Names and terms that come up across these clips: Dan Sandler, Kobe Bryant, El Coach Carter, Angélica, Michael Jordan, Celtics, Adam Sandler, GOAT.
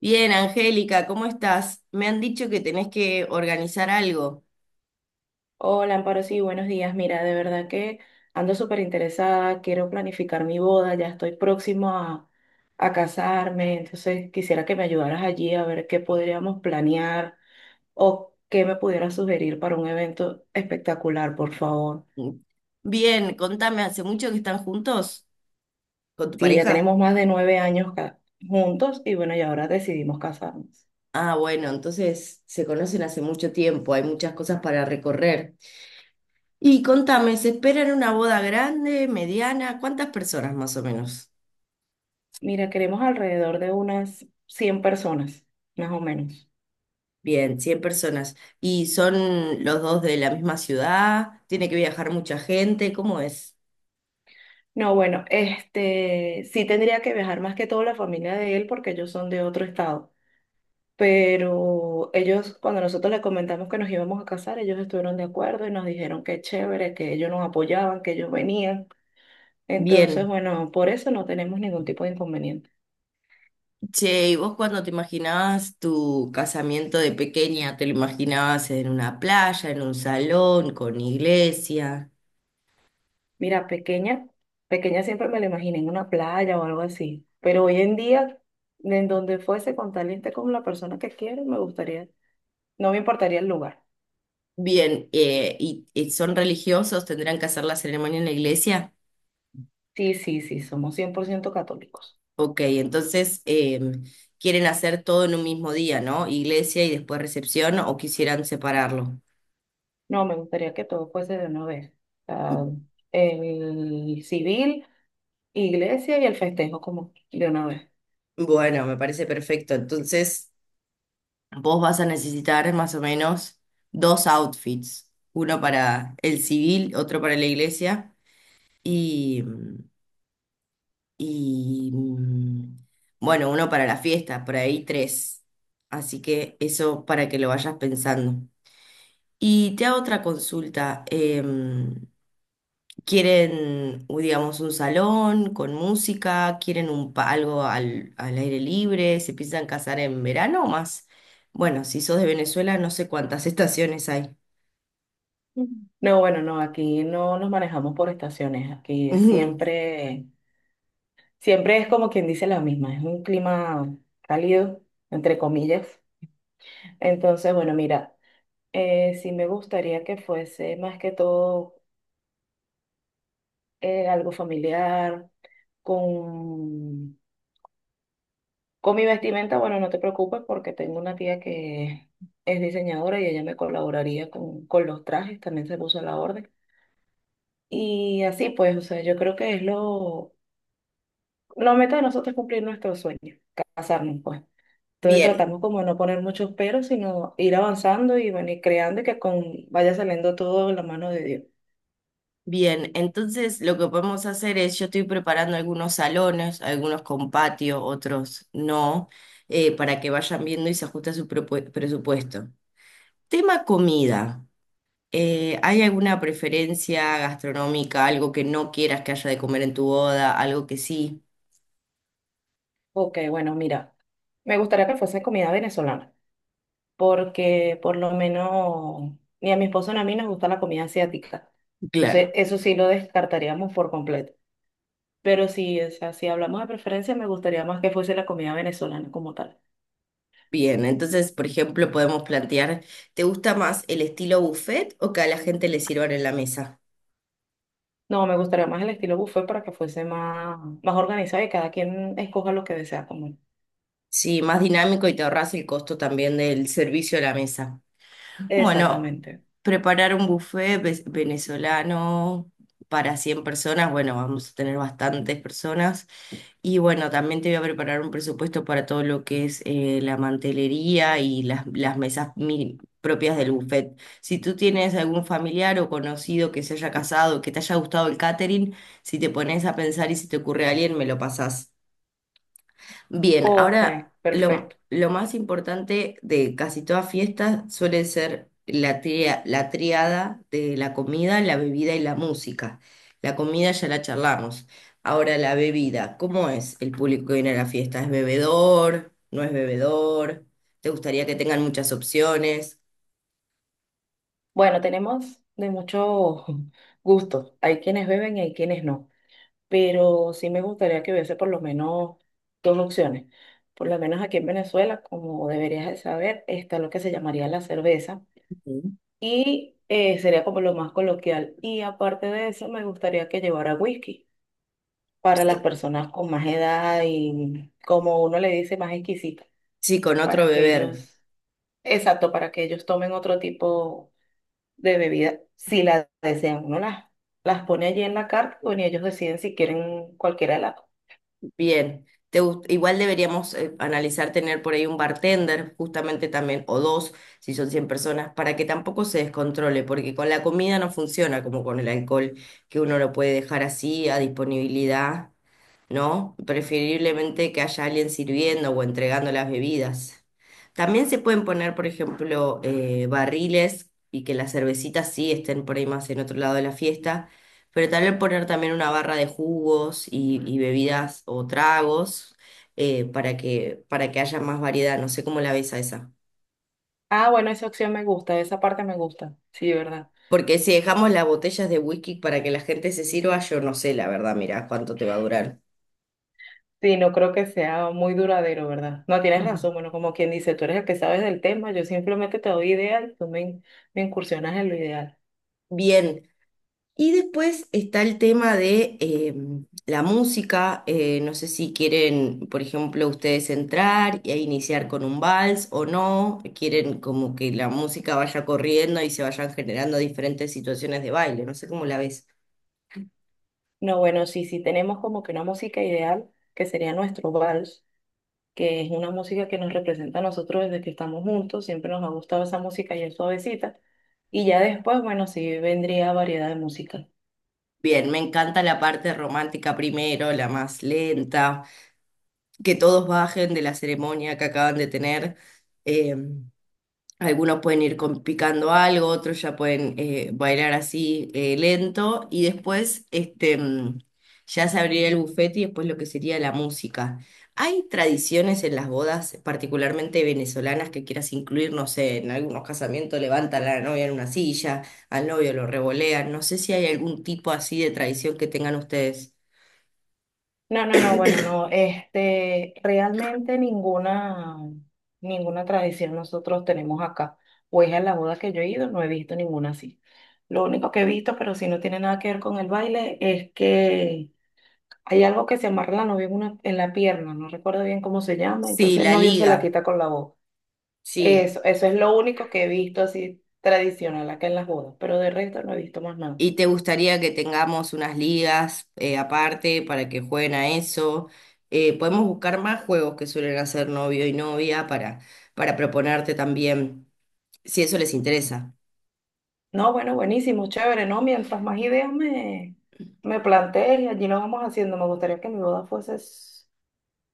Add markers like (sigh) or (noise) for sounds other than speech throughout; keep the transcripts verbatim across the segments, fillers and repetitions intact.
Bien, Angélica, ¿cómo estás? Me han dicho que tenés que organizar algo. Hola, Amparo, sí, buenos días. Mira, de verdad que ando súper interesada, quiero planificar mi boda, ya estoy próximo a, a casarme, entonces quisiera que me ayudaras allí a ver qué podríamos planear o qué me pudieras sugerir para un evento espectacular, por favor. Bien, contame, ¿hace mucho que están juntos con tu Sí, ya pareja? tenemos más de nueve años ca- juntos y bueno, y ahora decidimos casarnos. Ah, bueno, entonces se conocen hace mucho tiempo, hay muchas cosas para recorrer. Y contame, ¿se esperan una boda grande, mediana? ¿Cuántas personas más o menos? Mira, queremos alrededor de unas cien personas, más o menos. Bien, cien personas. ¿Y son los dos de la misma ciudad? ¿Tiene que viajar mucha gente? ¿Cómo es? No, bueno, este sí tendría que viajar más que todo la familia de él porque ellos son de otro estado. Pero ellos, cuando nosotros les comentamos que nos íbamos a casar, ellos estuvieron de acuerdo y nos dijeron que chévere, que ellos nos apoyaban, que ellos venían. Entonces, Bien. bueno, por eso no tenemos ningún tipo de inconveniente. Che, ¿y vos cuando te imaginabas tu casamiento de pequeña, te lo imaginabas en una playa, en un salón, con iglesia? Mira, pequeña, pequeña siempre me la imaginé en una playa o algo así. Pero hoy en día, en donde fuese con tal y esté con la persona que quiere, me gustaría, no me importaría el lugar. Bien, eh, y, y son religiosos? ¿Tendrán que hacer la ceremonia en la iglesia? Sí, sí, sí, somos cien por ciento católicos. Ok, entonces em, quieren hacer todo en un mismo día, ¿no? Iglesia y después recepción, o quisieran separarlo. No, me gustaría que todo fuese de una vez. O sea, M- el civil, iglesia y el festejo como de una vez. Bueno, me parece perfecto. Entonces, vos vas a necesitar más o menos dos outfits, uno para el civil, otro para la iglesia. Y, mm, y mm, bueno, uno para la fiesta, por ahí tres. Así que eso para que lo vayas pensando. Y te hago otra consulta. Em, ¿quieren, u- digamos, un salón con música? ¿Quieren un, pa- algo al, al aire libre? ¿Se piensan casar en verano o más? Bueno, si sos de Venezuela, no sé cuántas (laughs) estaciones hay. Ujú. No, bueno, no, aquí no nos manejamos por estaciones. Aquí Ujú. siempre, siempre es como quien dice la misma. Es un clima cálido, entre comillas. Entonces, bueno, mira, eh, sí me gustaría que fuese más que todo eh, algo familiar. con Con mi vestimenta, bueno, no te preocupes porque tengo una tía que es diseñadora y ella me colaboraría con, con los trajes, también se puso a la orden. Y así pues, o sea, yo creo que es lo, la meta de nosotros es cumplir nuestros sueños, casarnos pues. Entonces Bien, tratamos como de no poner muchos peros, sino ir avanzando y bueno, y creando y que con, vaya saliendo todo en la mano de Dios. bien, entonces lo que podemos hacer es, yo estoy preparando algunos salones, algunos con patio, otros no, eh, para que vayan viendo y se ajuste a su propue- presupuesto. Tema comida. Eh, ¿hay alguna preferencia gastronómica, algo que no quieras que haya de comer en tu boda, algo que sí? Ok, bueno, mira, me gustaría que fuese comida venezolana, porque por lo menos ni a mi esposo ni a mí nos gusta la comida asiática. Entonces, Claro. eso sí lo descartaríamos por completo. Pero sí, o sea, si hablamos de preferencia, me gustaría más que fuese la comida venezolana como tal. Bien, entonces, por ejemplo, podemos plantear, ¿te gusta más el estilo buffet o que a la gente le sirvan en la mesa? No, me gustaría más el estilo buffet para que fuese más, más organizado y cada quien escoja lo que desea comer. Sí, más dinámico y te ahorras el costo también del servicio a la mesa. Bueno, Exactamente. preparar un buffet ve- venezolano para cien personas, bueno, vamos a tener bastantes personas. Y bueno, también te voy a preparar un presupuesto para todo lo que es eh, la mantelería y las, las mesas mi- propias del buffet. Si tú tienes algún familiar o conocido que se haya casado, que te haya gustado el catering, si te pones a pensar y si te ocurre a alguien, me lo pasás. Bien, Ok, ahora lo, perfecto. lo más importante de casi toda fiesta suele ser la tria- la triada de la comida, la bebida y la música. La comida ya la charlamos. Ahora la bebida, ¿cómo es el público que viene a la fiesta? ¿Es bebedor? ¿No es bebedor? ¿Te gustaría que tengan muchas opciones? Bueno, tenemos de muchos (laughs) gustos. Hay quienes beben y hay quienes no, pero sí me gustaría que hubiese por lo menos dos opciones. Por lo menos aquí en Venezuela, como deberías de saber, está lo que se llamaría la cerveza Ujú. y eh, sería como lo más coloquial. Y aparte de eso, me gustaría que llevara whisky para las personas con más edad y como uno le dice, más exquisita, Sí, con otro para que beber. ellos, exacto, para que ellos tomen otro tipo de bebida si la desean. Uno las, las pone allí en la carta bueno, y ellos deciden si quieren cualquiera de las. Bien, Te gust- igual deberíamos eh, analizar tener por ahí un bartender, justamente también, o dos, si son cien personas, para que tampoco se descontrole, porque con la comida no funciona como con el alcohol, que uno lo puede dejar así a disponibilidad, ¿no? Preferiblemente que haya alguien sirviendo o entregando las bebidas. También se pueden poner, por ejemplo, eh, barriles y que las cervecitas sí estén por ahí más en otro lado de la fiesta, pero tal vez poner también una barra de jugos y, y bebidas o tragos, eh, para que, para que haya más variedad. No sé cómo la ves a esa. Ah, bueno, esa opción me gusta, esa parte me gusta, sí, ¿verdad? Porque si dejamos las botellas de whisky para que la gente se sirva, yo no sé, la verdad, mira cuánto te va a durar. Sí, no creo que sea muy duradero, ¿verdad? No, tienes Ujú. razón, bueno, como quien dice, tú eres el que sabes del tema, yo simplemente te doy ideas y tú me, in- me incursionas en lo ideal. Bien, y después está el tema de eh, la música. Eh, no sé si quieren, por ejemplo, ustedes entrar y ahí iniciar con un vals o no. Quieren como que la música vaya corriendo y se vayan generando diferentes situaciones de baile. No sé cómo la ves. No, bueno, sí, sí tenemos como que una música ideal, que sería nuestro vals, que es una música que nos representa a nosotros desde que estamos juntos, siempre nos ha gustado esa música y es suavecita. Y ya después, bueno, sí vendría variedad de música. Bien, me encanta la parte romántica primero, la más lenta, que todos bajen de la ceremonia que acaban de tener. em, Algunos pueden ir con- picando algo, otros ya pueden eh, bailar así eh, lento y después este, mm, ya se abrirá el bufete y después lo que sería la música. ¿Hay tradiciones en las bodas, particularmente venezolanas, que quieras incluir? No sé, en algunos casamientos levantan a la novia en una silla, al novio lo revolean. No sé si hay algún tipo así de tradición que tengan ustedes. No, no, no, bueno, no, este, realmente ninguna, ninguna tradición nosotros tenemos acá. Pues a la boda que yo he ido no he visto ninguna así. Lo único que he visto, pero si no tiene nada que ver con el baile, es que hay algo que se amarra la novia en, una- en la pierna, no recuerdo bien cómo se llama, Sí, entonces el la novio se la liga. quita con la boca. Sí. Eso, eso es lo único que he visto así tradicional acá en las bodas, pero de resto no he visto más nada. ¿Y te gustaría que tengamos unas ligas eh, aparte para que jueguen a eso? Eh, podemos buscar más juegos que suelen hacer novio y novia para, para, proponerte también, si eso les interesa. No, bueno, buenísimo, chévere, ¿no? Mientras más ideas me, me plantees y allí lo vamos haciendo. Me gustaría que mi boda fuese s-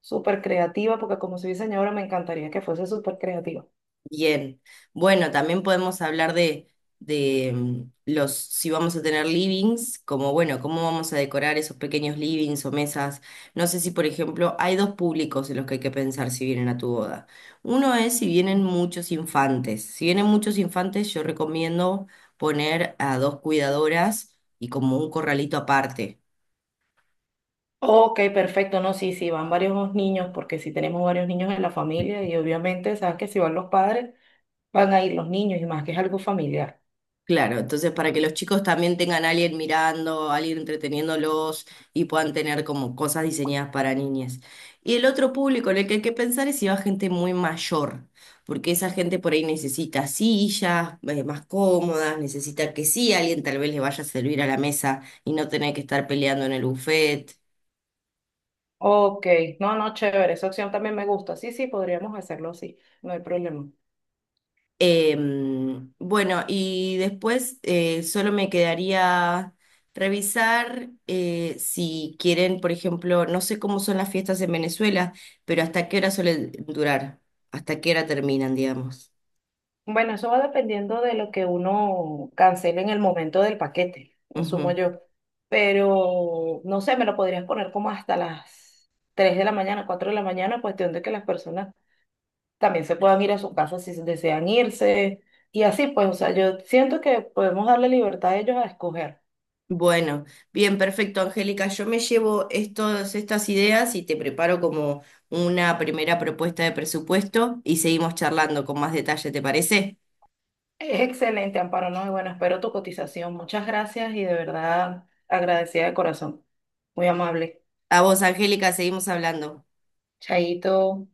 súper creativa, porque como soy diseñadora me encantaría que fuese súper creativa. Bien, bueno, también podemos hablar de, de mm, los, si vamos a tener livings, como bueno, cómo vamos a decorar esos pequeños livings o mesas. No sé si, por ejemplo, hay dos públicos en los que hay que pensar si vienen a tu boda. Uno es si vienen muchos infantes. Si vienen muchos infantes, yo recomiendo poner a dos cuidadoras y como un corralito aparte. Ok, perfecto, no, sí, sí, van varios niños, porque sí tenemos varios niños en la familia y obviamente sabes que si van los padres, van a ir los niños y más que es algo familiar. Claro, entonces para que los chicos también tengan a alguien mirando, a alguien entreteniéndolos y puedan tener como cosas diseñadas para niñas. Y el otro público en el que hay que pensar es si va gente muy mayor, porque esa gente por ahí necesita sillas eh, más cómodas, necesita que sí, alguien tal vez le vaya a servir a la mesa y no tener que estar peleando en el buffet. Ok, no, no, chévere, esa opción también me gusta. Sí, sí, podríamos hacerlo así, no hay problema. Em, bueno, y después eh, solo me quedaría revisar eh, si quieren, por ejemplo, no sé cómo son las fiestas en Venezuela, pero hasta qué hora suelen durar, hasta qué hora terminan, digamos. Bueno, eso va dependiendo de lo que uno cancele en el momento del paquete, asumo Ujú. yo. Pero no sé, me lo podrías poner como hasta las tres de la mañana, cuatro de la mañana, cuestión de que las personas también se puedan ir a su casa si desean irse. Y así, pues, o sea, yo siento que podemos darle libertad a ellos a escoger. Bueno, bien, perfecto, Angélica. Yo me llevo estos, estas ideas y te preparo como una primera propuesta de presupuesto y seguimos charlando con más detalle, ¿te parece? Es excelente, Amparo, ¿no? Y bueno, espero tu cotización. Muchas gracias y de verdad agradecida de corazón. Muy amable. A vos, Angélica, seguimos hablando. Chaito.